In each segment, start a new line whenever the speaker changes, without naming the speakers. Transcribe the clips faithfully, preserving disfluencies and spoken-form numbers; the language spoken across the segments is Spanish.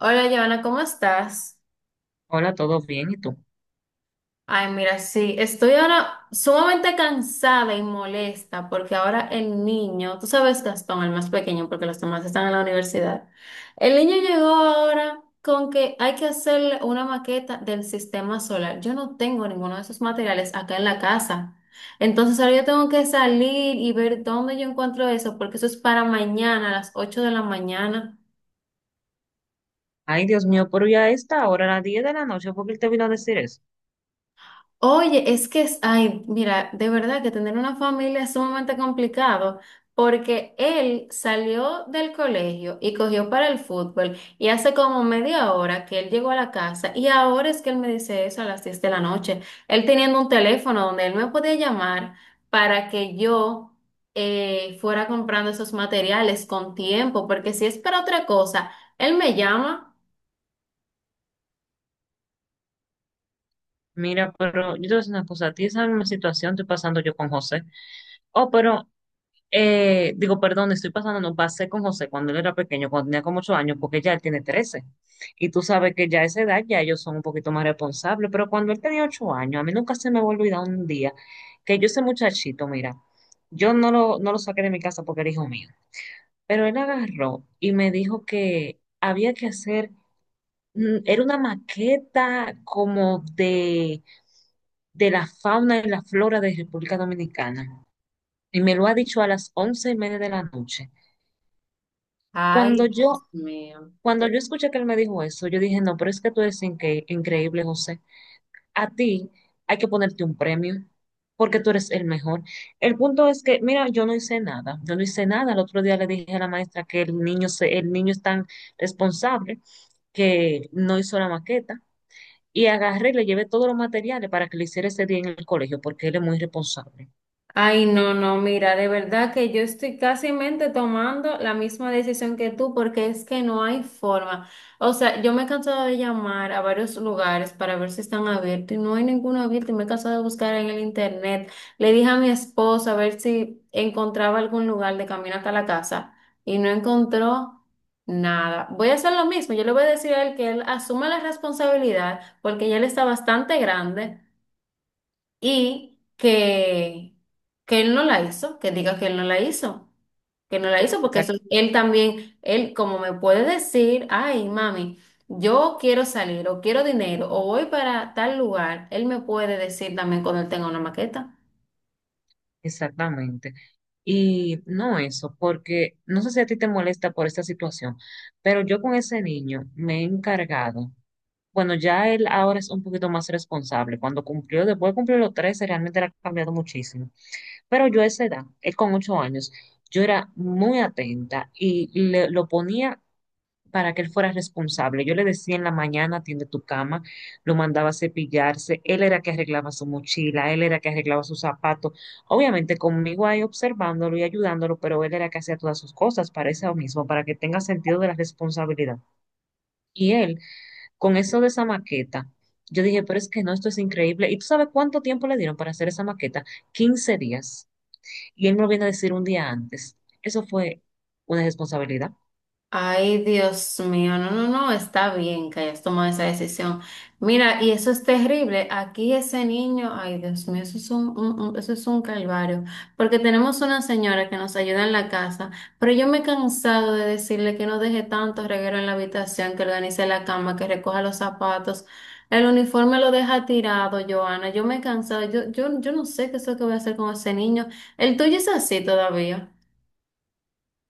Hola, Giovanna, ¿cómo estás?
Hola, ¿todo bien? ¿Y tú?
Ay, mira, sí, estoy ahora sumamente cansada y molesta porque ahora el niño, tú sabes, Gastón, el más pequeño, porque los demás están en la universidad. El niño llegó ahora con que hay que hacer una maqueta del sistema solar. Yo no tengo ninguno de esos materiales acá en la casa. Entonces ahora yo tengo que salir y ver dónde yo encuentro eso, porque eso es para mañana a las ocho de la mañana.
Ay, Dios mío, pero ya está, ahora a las diez de la noche, ¿por qué él te vino a decir eso?
Oye, es que es, ay, mira, de verdad que tener una familia es sumamente complicado porque él salió del colegio y cogió para el fútbol y hace como media hora que él llegó a la casa y ahora es que él me dice eso a las diez de la noche. Él teniendo un teléfono donde él me podía llamar para que yo eh, fuera comprando esos materiales con tiempo, porque si es para otra cosa, él me llama.
Mira, pero yo te voy a decir una cosa, a ti esa misma situación estoy pasando yo con José. Oh, pero, eh, digo, perdón, estoy pasando, no pasé con José cuando él era pequeño, cuando tenía como ocho años, porque ya él tiene trece. Y tú sabes que ya a esa edad ya ellos son un poquito más responsables, pero cuando él tenía ocho años, a mí nunca se me va a olvidar un día que yo ese muchachito, mira, yo no lo, no lo saqué de mi casa porque era hijo mío. Pero él agarró y me dijo que había que hacer, mm, era una maqueta como de, de la fauna y la flora de República Dominicana. Y me lo ha dicho a las once y media de la noche. Cuando
Ay,
yo,
Dios mío.
cuando yo escuché que él me dijo eso, yo dije, no, pero es que tú eres inque- increíble, José. A ti hay que ponerte un premio porque tú eres el mejor. El punto es que, mira, yo no hice nada, yo no hice nada. El otro día le dije a la maestra que el niño, se, el niño es tan responsable que no hizo la maqueta y agarré y le llevé todos los materiales para que le hiciera ese día en el colegio porque él es muy responsable.
Ay, no, no, mira, de verdad que yo estoy casi tomando la misma decisión que tú porque es que no hay forma. O sea, yo me he cansado de llamar a varios lugares para ver si están abiertos y no hay ninguno abierto y me he cansado de buscar en el internet. Le dije a mi esposo a ver si encontraba algún lugar de camino hasta la casa y no encontró nada. Voy a hacer lo mismo, yo le voy a decir a él que él asuma la responsabilidad porque ya él está bastante grande y que, que él no la hizo, que diga que él no la hizo, que no la hizo, porque eso, él también, él como me puede decir, ay, mami, yo quiero salir o quiero dinero o voy para tal lugar, él me puede decir también cuando él tenga una maqueta.
Exactamente. Y no eso, porque no sé si a ti te molesta por esta situación, pero yo con ese niño me he encargado. Bueno, ya él ahora es un poquito más responsable. Cuando cumplió, después de cumplir los trece, realmente le ha cambiado muchísimo. Pero yo a esa edad, él con ocho años, yo era muy atenta y le- lo ponía para que él fuera responsable. Yo le decía en la mañana, atiende tu cama, lo mandaba a cepillarse, él era que arreglaba su mochila, él era que arreglaba sus zapatos, obviamente conmigo ahí observándolo y ayudándolo, pero él era que hacía todas sus cosas para eso mismo, para que tenga sentido de la responsabilidad. Y él, con eso de esa maqueta, yo dije, pero es que no, esto es increíble. ¿Y tú sabes cuánto tiempo le dieron para hacer esa maqueta? Quince días. Y él me lo viene a decir un día antes. Eso fue una responsabilidad.
Ay, Dios mío, no, no, no, está bien que hayas tomado esa decisión. Mira, y eso es terrible. Aquí ese niño, ay, Dios mío, eso es un, un- un- eso es un calvario. Porque tenemos una señora que nos ayuda en la casa, pero yo me he cansado de decirle que no deje tanto reguero en la habitación, que organice la cama, que recoja los zapatos. El uniforme lo deja tirado, Joana. Yo me he cansado. Yo, yo, yo no sé qué es lo que voy a hacer con ese niño. El tuyo es así todavía.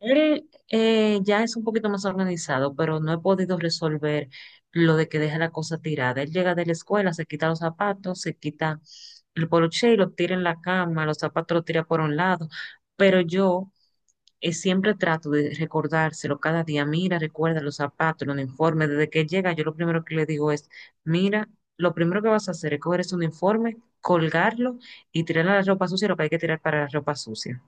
Él eh, ya es un poquito más organizado, pero no he podido resolver lo de que deja la cosa tirada. Él llega de la escuela, se quita los zapatos, se quita el poloche y lo tira en la cama, los zapatos los tira por un lado. Pero yo eh, siempre trato de recordárselo cada día. Mira, recuerda los zapatos, el uniforme. Desde que llega, yo lo primero que le digo es, mira, lo primero que vas a hacer es coger ese uniforme, colgarlo y tirar la ropa sucia, lo que hay que tirar para la ropa sucia.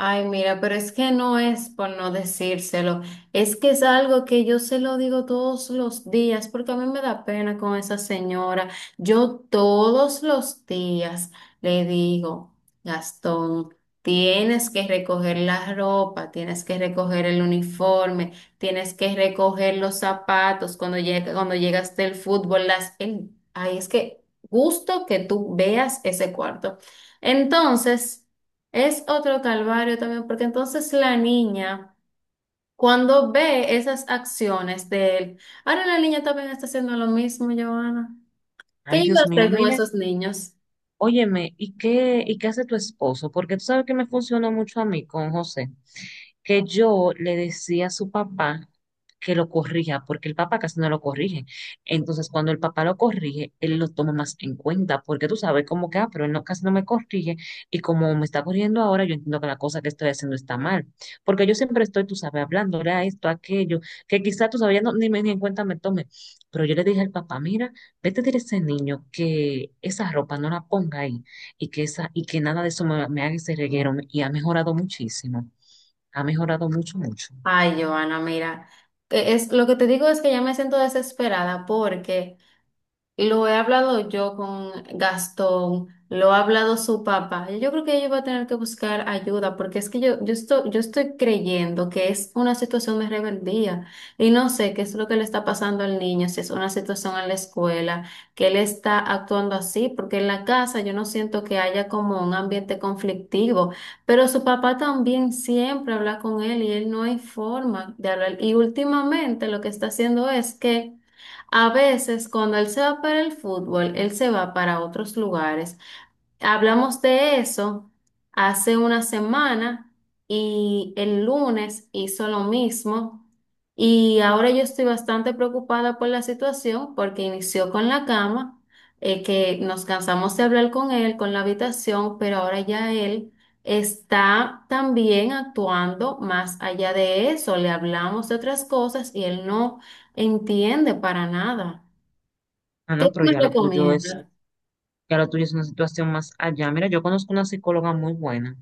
Ay, mira, pero es que no es por no decírselo, es que es algo que yo se lo digo todos los días, porque a mí me da pena con esa señora. Yo todos los días le digo, Gastón, tienes que recoger la ropa, tienes que recoger el uniforme, tienes que recoger los zapatos cuando llega, cuando llegas del fútbol, las, el- ay, es que gusto que tú veas ese cuarto. Entonces, es otro calvario también, porque entonces la niña, cuando ve esas acciones de él, ahora la niña también está haciendo lo mismo, Joana. ¿Qué
Ay,
iba a
Dios mío,
hacer con
mira.
esos niños?
Óyeme, ¿y qué, y qué hace tu esposo? Porque tú sabes que me funcionó mucho a mí con José que yo le decía a su papá que lo corrija, porque el papá casi no lo corrige. Entonces, cuando el papá lo corrige, él lo toma más en cuenta, porque tú sabes como que, ah, pero él no, casi no me corrige, y como me está corrigiendo ahora, yo entiendo que la cosa que estoy haciendo está mal, porque yo siempre estoy, tú sabes, hablándole a esto, a aquello, que quizá tú sabes, ya no- ni, me- ni en cuenta me tome, pero yo le dije al papá, mira, vete a decir a ese niño que esa ropa no la ponga ahí, y que, esa, y que nada de eso me, me haga ese reguero, y ha mejorado muchísimo. Ha mejorado mucho, mucho.
Ay, Joana, mira, que es, lo que te digo es que ya me siento desesperada porque lo he hablado yo con Gastón, lo ha hablado su papá. Yo creo que ella va a tener que buscar ayuda porque es que yo, yo estoy, yo estoy creyendo que es una situación de rebeldía y no sé qué es lo que le está pasando al niño, si es una situación en la escuela, que él está actuando así, porque en la casa yo no siento que haya como un ambiente conflictivo, pero su papá también siempre habla con él y él no hay forma de hablar. Y últimamente lo que está haciendo es que a veces cuando él se va para el fútbol, él se va para otros lugares. Hablamos de eso hace una semana y el lunes hizo lo mismo y ahora yo estoy bastante preocupada por la situación porque inició con la cama, eh, que nos cansamos de hablar con él, con la habitación, pero ahora ya él está también actuando más allá de eso. Le hablamos de otras cosas y él no entiende para nada.
Ah,
¿Qué
no,
tú
pero
me
ya lo tuyo es,
recomiendas?
ya lo tuyo es una situación más allá. Mira, yo conozco una psicóloga muy buena,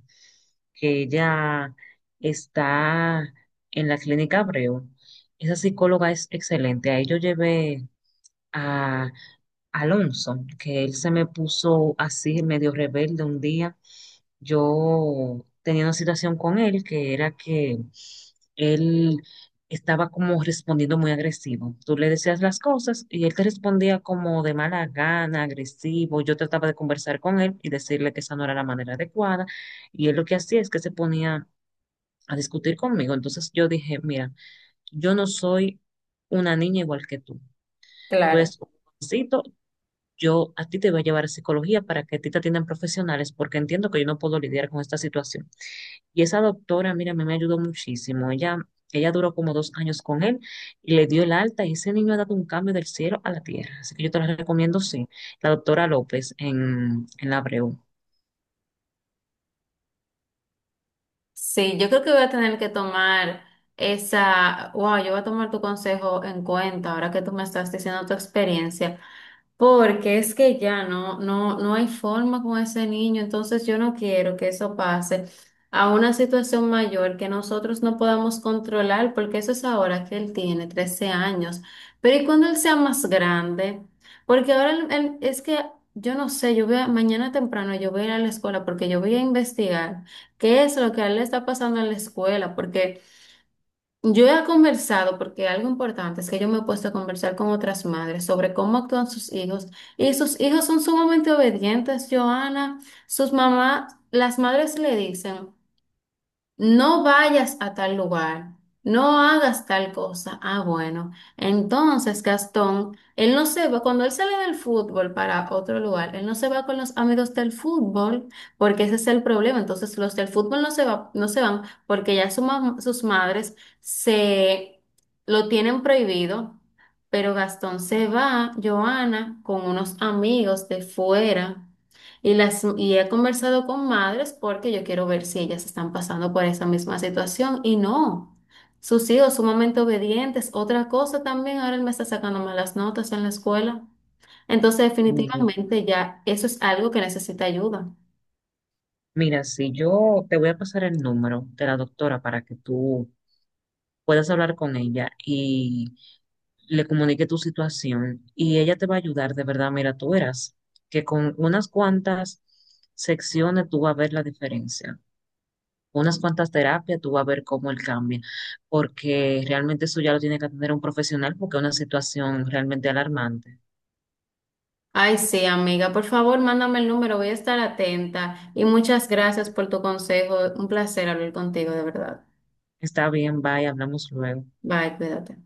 que ella está en la clínica Abreu. Esa psicóloga es excelente. Ahí yo llevé a Alonso, que él se me puso así medio rebelde un día. Yo tenía una situación con él que era que él estaba como respondiendo muy agresivo. Tú le decías las cosas y él te respondía como de mala gana, agresivo. Yo trataba de conversar con él y decirle que esa no era la manera adecuada y él lo que hacía es que se ponía a discutir conmigo. Entonces yo dije, mira, yo no soy una niña igual que tú. Tú
Claro.
eres un jovencito, yo a ti te voy a llevar a psicología para que a ti te atiendan profesionales porque entiendo que yo no puedo lidiar con esta situación. Y esa doctora, mira, a mí me ayudó muchísimo. Ella, ella duró como dos años con él y le dio el alta y ese niño ha dado un cambio del cielo a la tierra. Así que yo te la recomiendo, sí. La doctora López en, en la Abreu.
Sí, yo creo que voy a tener que tomar esa, wow, yo voy a tomar tu consejo en cuenta ahora que tú me estás diciendo tu experiencia. Porque es que ya no, no, no hay forma con ese niño, entonces yo no quiero que eso pase a una situación mayor que nosotros no podamos controlar, porque eso es ahora que él tiene trece años. Pero ¿y cuando él sea más grande? Porque ahora él- él- es que yo no sé, yo voy a- mañana temprano yo voy a ir a la escuela porque yo voy a investigar qué es lo que a él le está pasando en la escuela, porque yo he conversado, porque algo importante es que yo me he puesto a conversar con otras madres sobre cómo actúan sus hijos. Y sus hijos son sumamente obedientes, Joana. Sus mamás, las madres le dicen. No vayas a tal lugar, no hagas tal cosa. Ah, bueno. Entonces, Gastón, él no se va, cuando él sale del fútbol para otro lugar, él no se va con los amigos del fútbol, porque ese es el problema. Entonces, los del fútbol no se va, no se van porque ya su mam- sus madres se lo tienen prohibido, pero Gastón se va, Joana, con unos amigos de fuera. Y, las, y he conversado con madres porque yo quiero ver si ellas están pasando por esa misma situación y no. Sus hijos sumamente obedientes. Otra cosa también, ahora él me está sacando malas notas en la escuela. Entonces,
Mm,
definitivamente ya eso es algo que necesita ayuda.
Mira, si yo te voy a pasar el número de la doctora para que tú puedas hablar con ella y le comunique tu situación y ella te va a ayudar, de verdad, mira, tú verás que con unas cuantas secciones tú vas a ver la diferencia. Unas cuantas terapias, tú vas a ver cómo él cambia, porque realmente eso ya lo tiene que atender un profesional porque es una situación realmente alarmante.
Ay, sí, amiga, por favor, mándame el número, voy a estar atenta. Y muchas gracias por tu consejo. Un placer hablar contigo, de verdad.
Está bien, bye, hablamos luego.
Bye, cuídate.